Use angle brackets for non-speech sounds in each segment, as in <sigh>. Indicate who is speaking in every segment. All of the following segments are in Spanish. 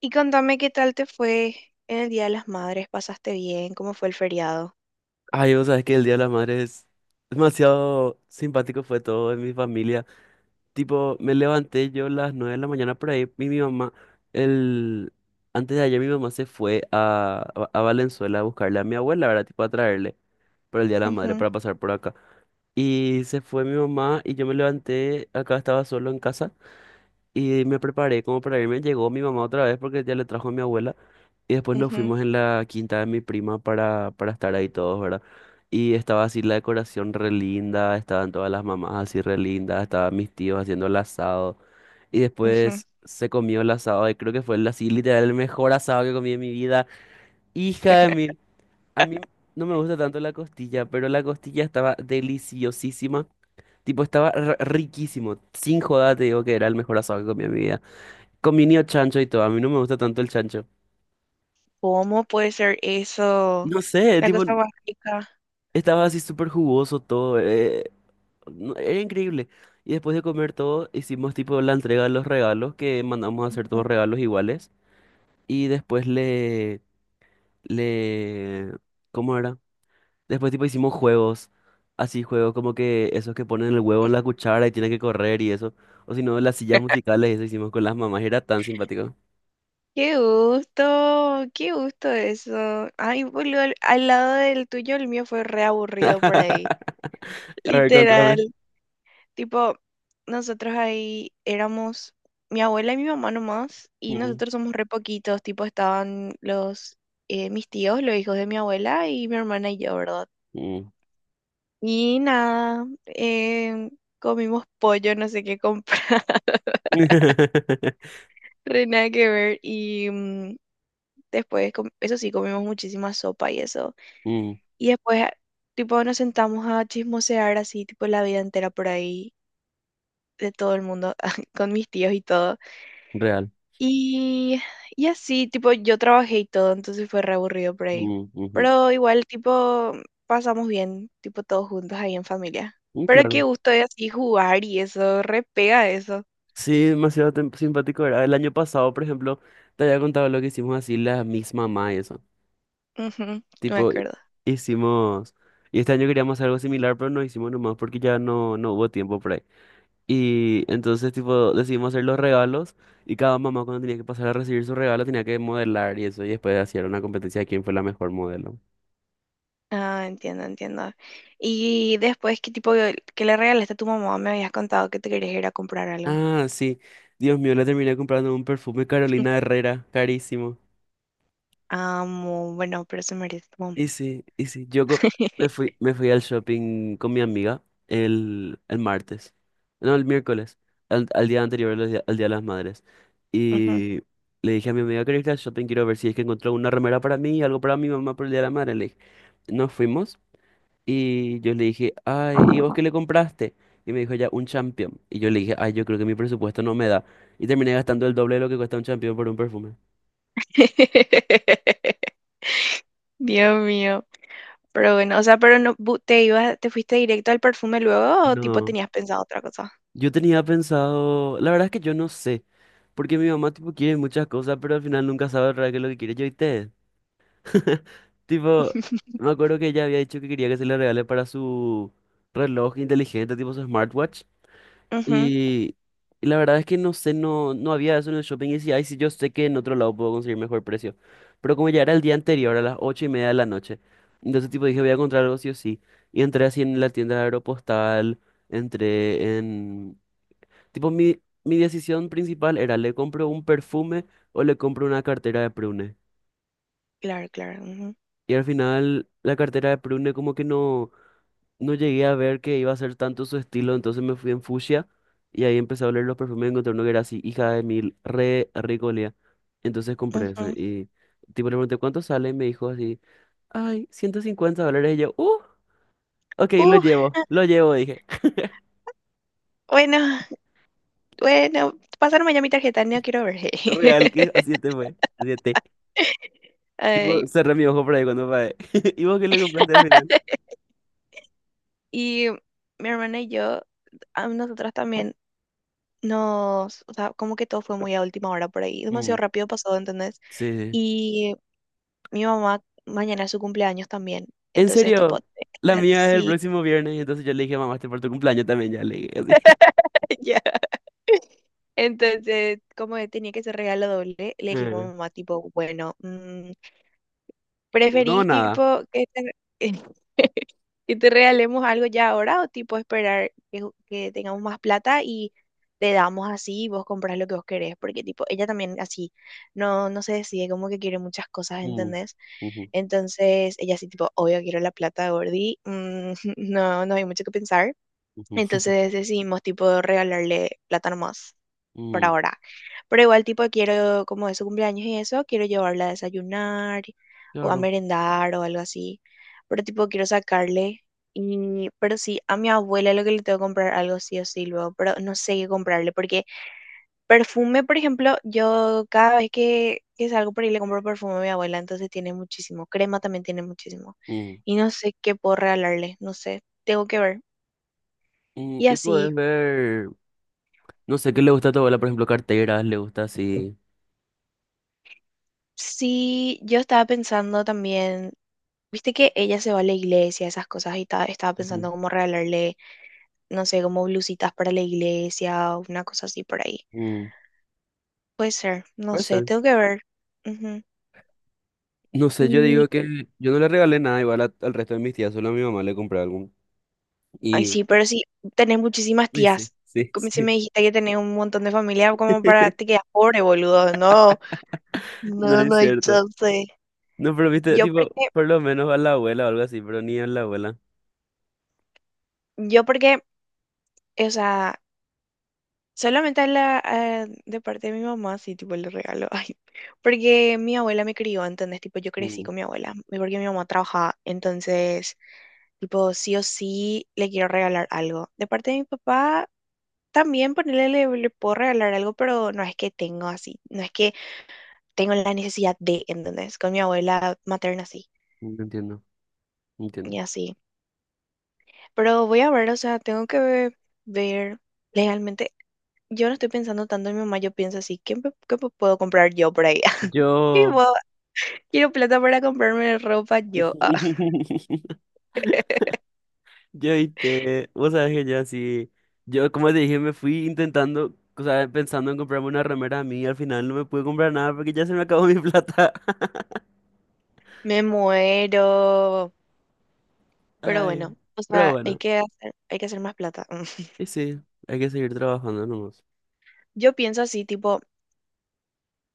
Speaker 1: Y contame qué tal te fue en el Día de las Madres, ¿pasaste bien? ¿Cómo fue el feriado?
Speaker 2: Ay, vos sabés que el Día de las Madres es demasiado simpático fue todo en mi familia. Tipo, me levanté yo a las 9 de la mañana por ahí y mi mamá, el... antes de ayer mi mamá se fue a Valenzuela a buscarle a mi abuela, ¿verdad? Tipo, a traerle por el Día de la Madre
Speaker 1: Ujú,
Speaker 2: para pasar por acá. Y se fue mi mamá y yo me levanté, acá estaba solo en casa y me preparé como para irme. Llegó mi mamá otra vez porque ya le trajo a mi abuela. Y después nos
Speaker 1: ujú,
Speaker 2: fuimos en la quinta de mi prima para estar ahí todos, ¿verdad? Y estaba así la decoración re linda, estaban todas las mamás así re lindas, estaban mis tíos haciendo el asado. Y
Speaker 1: ujú.
Speaker 2: después se comió el asado y creo que fue el, así literal el mejor asado que comí en mi vida. Hija de mil, a mí no me gusta tanto la costilla, pero la costilla estaba deliciosísima. Tipo, estaba riquísimo. Sin joda te digo que era el mejor asado que comí en mi vida. Comía chancho y todo. A mí no me gusta tanto el chancho.
Speaker 1: ¿Cómo puede ser eso?
Speaker 2: No sé,
Speaker 1: La
Speaker 2: tipo,
Speaker 1: cosa más rica.
Speaker 2: estaba así súper jugoso todo. Era increíble. Y después de comer todo, hicimos tipo la entrega de los regalos, que mandamos a hacer todos
Speaker 1: Ujú.
Speaker 2: regalos iguales. Y después le, ¿cómo era? Después tipo hicimos juegos, así juegos como que esos que ponen el huevo en la cuchara y tienen que correr y eso. O si no, las sillas musicales, eso hicimos con las mamás. Era tan simpático.
Speaker 1: Qué gusto eso. Ay, boludo, al lado del tuyo, el mío fue re aburrido por ahí.
Speaker 2: <laughs> A ver,
Speaker 1: Literal.
Speaker 2: contame.
Speaker 1: Tipo, nosotros ahí éramos mi abuela y mi mamá nomás, y
Speaker 2: Mm,
Speaker 1: nosotros somos re poquitos. Tipo, estaban los mis tíos, los hijos de mi abuela y mi hermana y yo, ¿verdad?
Speaker 2: mm.
Speaker 1: Y nada, comimos pollo, no sé qué comprar, <laughs>
Speaker 2: <laughs>
Speaker 1: re nada que ver. Y mm, después, eso sí, comimos muchísima sopa y eso.
Speaker 2: Mm,
Speaker 1: Y después, tipo, nos sentamos a chismosear así, tipo, la vida entera por ahí, de todo el mundo, <laughs> con mis tíos y todo.
Speaker 2: real.
Speaker 1: Y, y así, tipo, yo trabajé y todo, entonces fue re aburrido por ahí.
Speaker 2: Mm, ujú.
Speaker 1: Pero igual, tipo, pasamos bien, tipo, todos juntos ahí en familia.
Speaker 2: Mm,
Speaker 1: Pero qué
Speaker 2: claro.
Speaker 1: gusto de así jugar y eso, re pega eso.
Speaker 2: Sí, demasiado simpático era. El año pasado, por ejemplo, te había contado lo que hicimos así, la misma mamá y eso.
Speaker 1: Ujú, me
Speaker 2: Tipo,
Speaker 1: acuerdo.
Speaker 2: hicimos. Y este año queríamos hacer algo similar, pero no hicimos nomás porque ya no, no hubo tiempo por ahí. Y entonces, tipo, decidimos hacer los regalos y cada mamá cuando tenía que pasar a recibir su regalo tenía que modelar y eso. Y después hacían una competencia de quién fue la mejor modelo.
Speaker 1: Ah, entiendo, entiendo. Y después, ¿qué tipo, qué le regalaste a tu mamá? Me habías contado que te querías ir a comprar algo.
Speaker 2: Ah, sí. Dios mío, le terminé comprando un perfume Carolina Herrera, carísimo.
Speaker 1: Amo, bueno, pero eso merece como-
Speaker 2: Ese, ese. Me fui,
Speaker 1: <laughs>
Speaker 2: me fui al shopping con mi amiga el martes. No, el miércoles. Al día anterior, al Día de las Madres.
Speaker 1: Ujú.
Speaker 2: Y le dije a mi amiga, ¿querés ir al shopping? Quiero ver si es que encontró una remera para mí y algo para mi mamá por el Día de la Madre. Le dije, nos fuimos y yo le dije, ay, ¿y vos qué le compraste? Y me dijo ya, un champion. Y yo le dije, ay, yo creo que mi presupuesto no me da. Y terminé gastando el doble de lo que cuesta un champion por un perfume.
Speaker 1: <laughs> Dios mío. Pero bueno, o sea, pero no te ibas, te fuiste directo al perfume luego o tipo
Speaker 2: No,
Speaker 1: tenías pensado otra cosa.
Speaker 2: yo tenía pensado, la verdad es que yo no sé. Porque mi mamá, tipo, quiere muchas cosas, pero al final nunca sabe realmente qué es lo que quiere. Yo, ¿viste? <laughs> Tipo, me
Speaker 1: <laughs>
Speaker 2: acuerdo que ella había dicho que quería que se le regale para su reloj inteligente, tipo su smartwatch.
Speaker 1: Ujú.
Speaker 2: Y, y la verdad es que no sé, no había eso en el shopping. Y decía, ay, sí, yo sé que en otro lado puedo conseguir mejor precio. Pero como ya era el día anterior, a las 8:30 de la noche, entonces, tipo, dije, voy a encontrar algo sí o sí. Y entré así en la tienda de Aeropostal, entré en. Tipo, mi decisión principal era, ¿le compro un perfume o le compro una cartera de Prune?
Speaker 1: Claro, claro. Ujú,
Speaker 2: Y al final, la cartera de Prune como que no llegué a ver que iba a ser tanto su estilo, entonces me fui en fucsia y ahí empecé a oler los perfumes y encontré uno que era así, hija de mil, re rico olía. Entonces compré ese
Speaker 1: ujú.
Speaker 2: y tipo le pregunté, ¿cuánto sale? Y me dijo así, ay, $150. Y yo, ok,
Speaker 1: Uh,
Speaker 2: lo llevo, dije. <laughs>
Speaker 1: bueno, bueno, pásame ya mi tarjeta, no quiero ver.
Speaker 2: Real que a 7 fue, a 7.
Speaker 1: <laughs> Ay,
Speaker 2: Tipo, cerré mi ojo por ahí cuando pagué. <laughs> ¿Y vos qué le compraste al final?
Speaker 1: y mi hermana y yo, a nosotras también nos, o sea, como que todo fue muy a última hora por ahí, demasiado
Speaker 2: Mm.
Speaker 1: rápido pasó, ¿entendés?
Speaker 2: Sí, sí.
Speaker 1: Y mi mamá mañana es su cumpleaños también.
Speaker 2: En
Speaker 1: Entonces, tipo,
Speaker 2: serio,
Speaker 1: tenía que
Speaker 2: la
Speaker 1: estar-
Speaker 2: mía es el
Speaker 1: sí,
Speaker 2: próximo viernes, y entonces yo le dije mamá, este por tu cumpleaños también, ya le dije así. <laughs>
Speaker 1: <laughs> ya. Entonces, como tenía que ser regalo doble, le dijimos a
Speaker 2: Eh,
Speaker 1: mamá, tipo, bueno, mm,
Speaker 2: No,
Speaker 1: ¿preferís,
Speaker 2: nada.
Speaker 1: tipo, que te, <laughs> que te regalemos algo ya ahora o, tipo, esperar que, que tengamos más plata y te damos así y vos compras lo que vos querés? Porque, tipo, ella también así no se decide como que quiere muchas cosas,
Speaker 2: Mm,
Speaker 1: ¿entendés?
Speaker 2: ujú,
Speaker 1: Entonces, ella así, tipo, obvio, quiero la plata, Gordi, mm, <laughs> no, no hay mucho que pensar.
Speaker 2: ujú,
Speaker 1: Entonces decidimos tipo regalarle plátano más por
Speaker 2: <laughs> mm,
Speaker 1: ahora. Pero igual tipo quiero, como es su cumpleaños y eso, quiero llevarla a desayunar o a
Speaker 2: claro.
Speaker 1: merendar o algo así. Pero tipo quiero sacarle. Y, pero sí, a mi abuela lo que le tengo que comprar algo sí o sí luego, pero no sé qué comprarle, porque perfume, por ejemplo, yo cada vez que salgo por ahí le compro perfume a mi abuela, entonces tiene muchísimo, crema también tiene muchísimo,
Speaker 2: Mm.
Speaker 1: y no sé qué puedo regalarle, no sé, tengo que ver.
Speaker 2: Mm,
Speaker 1: Y
Speaker 2: y
Speaker 1: así.
Speaker 2: puedes ver, no sé, ¿qué le gusta a tu abuela? Por ejemplo, carteras, le gusta así.
Speaker 1: Sí, yo estaba pensando también, viste que ella se va a la iglesia, esas cosas, y estaba
Speaker 2: <laughs> Ujú,
Speaker 1: pensando cómo regalarle, no sé, como blusitas para la iglesia o una cosa así por ahí.
Speaker 2: mm.
Speaker 1: Puede ser, no
Speaker 2: Puede
Speaker 1: sé,
Speaker 2: ser.
Speaker 1: tengo que ver. Ujú.
Speaker 2: No sé, yo
Speaker 1: Y,
Speaker 2: digo que yo no le regalé nada igual a- al resto de mis tías, solo a mi mamá le compré algo.
Speaker 1: ay,
Speaker 2: Y.
Speaker 1: sí, pero sí, tenés muchísimas
Speaker 2: Sí, sí,
Speaker 1: tías.
Speaker 2: sí,
Speaker 1: Como si
Speaker 2: sí.
Speaker 1: me dijiste que tenés un montón de familia, como para te
Speaker 2: <laughs>
Speaker 1: quedas pobre, boludo. No,
Speaker 2: No
Speaker 1: no, no
Speaker 2: es
Speaker 1: hay
Speaker 2: cierto.
Speaker 1: chance.
Speaker 2: No, pero viste,
Speaker 1: Yo
Speaker 2: tipo,
Speaker 1: porque,
Speaker 2: por lo menos a la abuela o algo así, pero ni a la abuela.
Speaker 1: yo porque, o sea. Solamente a la, de parte de mi mamá, sí, tipo, le regalo. <laughs> Ay, porque mi abuela me crió, entonces, tipo, yo crecí
Speaker 2: Mm,
Speaker 1: con mi abuela, y porque mi mamá trabajaba. Entonces, tipo, sí o sí le quiero regalar algo. De parte de mi papá, también ponerle, le puedo regalar algo, pero no es que tengo así, no es que tengo la necesidad de, ¿entendés? Con mi abuela materna, sí,
Speaker 2: no entiendo, no entiendo.
Speaker 1: y así. Pero voy a ver, o sea, tengo que ver legalmente. Yo no estoy pensando tanto en mi mamá, yo pienso así, ¿qué, qué me puedo comprar yo por ahí? <laughs> Y
Speaker 2: Yo.
Speaker 1: vos, quiero plata para comprarme ropa yo. Ah, <laughs>
Speaker 2: <laughs> Yo te vos sabés que yo así, yo como te dije, me fui intentando, o sea, pensando en comprarme una remera a mí, y al final no me pude comprar nada porque ya se me acabó mi plata. <laughs>
Speaker 1: me muero. Pero
Speaker 2: Ay,
Speaker 1: bueno, o
Speaker 2: pero
Speaker 1: sea,
Speaker 2: bueno,
Speaker 1: hay que hacer más plata. <laughs>
Speaker 2: y sí, hay que seguir trabajando nomás.
Speaker 1: Yo pienso así, tipo,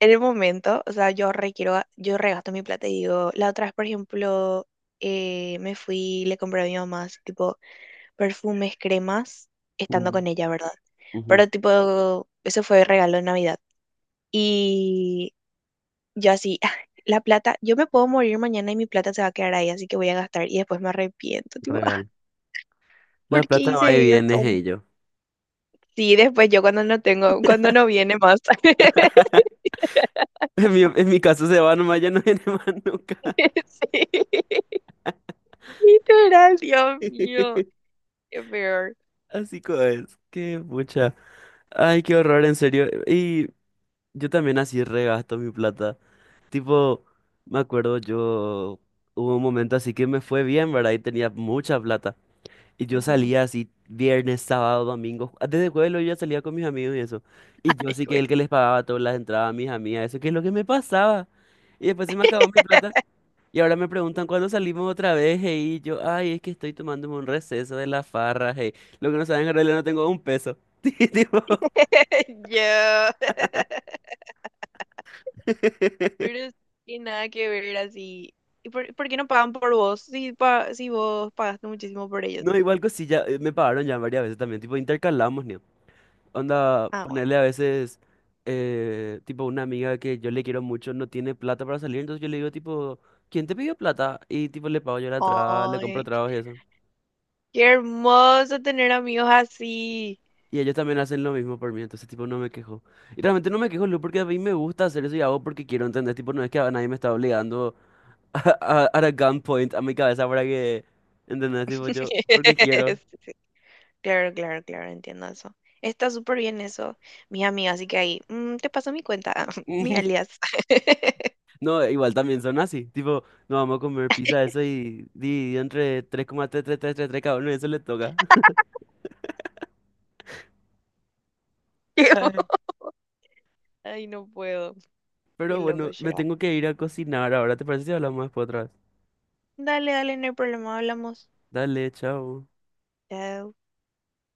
Speaker 1: en el momento, o sea, yo requiero, yo regasto mi plata y digo, la otra vez, por ejemplo, me fui, le compré a mi mamá, así, tipo, perfumes, cremas, estando
Speaker 2: Mm,
Speaker 1: con ella, ¿verdad?
Speaker 2: ujú,
Speaker 1: Pero tipo, eso fue regalo de Navidad. Y yo así, "Ah, la plata, yo me puedo morir mañana y mi plata se va a quedar ahí, así que voy a gastar y después me arrepiento". Tipo, "Ah,
Speaker 2: real. La
Speaker 1: ¿por qué
Speaker 2: plata va y
Speaker 1: hice
Speaker 2: viene,
Speaker 1: eso?".
Speaker 2: hey yo.
Speaker 1: Sí, después yo cuando no tengo, cuando no viene más. <laughs>
Speaker 2: <laughs> En mi caso se va nomás, ya no viene más nunca.
Speaker 1: Sí, literal, Dios mío,
Speaker 2: <laughs>
Speaker 1: qué peor.
Speaker 2: Así como es, qué pucha. Ay, qué horror, en serio. Y yo también así regasto mi plata. Tipo, me acuerdo yo, hubo un momento así que me fue bien, ¿verdad? Y tenía mucha plata. Y yo
Speaker 1: Ujú.
Speaker 2: salía así viernes, sábado, domingo. Desde jueves yo ya salía con mis amigos y eso. Y yo
Speaker 1: Ay,
Speaker 2: así que
Speaker 1: güey.
Speaker 2: el que les pagaba todas las entradas a mis amigas, eso que es lo que me pasaba. Y después se me acabó mi plata. Y ahora me preguntan cuándo salimos otra vez, hey, y yo, ay, es que estoy tomándome un receso de la farra, hey. Lo que no saben, en realidad no tengo un peso. <laughs> Tipo,
Speaker 1: <laughs> Yo,
Speaker 2: <laughs>
Speaker 1: pero sí, nada que ver así. ¿Y por qué no pagan por vos? Si, si vos pagaste muchísimo por
Speaker 2: no,
Speaker 1: ellos.
Speaker 2: igual cosilla, me pagaron ya varias veces también, tipo, intercalamos, ¿no? Onda,
Speaker 1: Ah,
Speaker 2: ponerle a veces, tipo, una amiga que yo le quiero mucho no tiene plata para salir, entonces yo le digo, tipo, ¿quién te pidió plata? Y, tipo, le pago yo la
Speaker 1: bueno.
Speaker 2: entrada, le compro
Speaker 1: Ay,
Speaker 2: tragos y eso.
Speaker 1: qué hermoso tener amigos así.
Speaker 2: Y ellos también hacen lo mismo por mí, entonces tipo no me quejo. Y realmente no me quejo, Lu, porque a mí me gusta hacer eso y hago porque quiero entender, tipo no es que a nadie me está obligando <laughs> a gunpoint a mi cabeza para que, ¿entendés? Tipo yo, porque quiero.
Speaker 1: <laughs> Claro, claro, claro, entiendo eso. Está súper bien eso, mi amiga, así que ahí, mm, te paso mi cuenta, <laughs> mi alias.
Speaker 2: <laughs>
Speaker 1: <laughs>
Speaker 2: No, igual también son así, tipo, no vamos a comer pizza, eso y dividido entre 3,333 3,3 cada uno, eso le toca.
Speaker 1: Qué bo-
Speaker 2: <laughs>
Speaker 1: Ay, no puedo. Qué
Speaker 2: Pero bueno,
Speaker 1: loco
Speaker 2: me
Speaker 1: será.
Speaker 2: tengo que ir a cocinar ahora, ¿te parece si hablamos después otra vez?
Speaker 1: Dale, dale, no hay problema, hablamos.
Speaker 2: Dale, chao.
Speaker 1: Chao.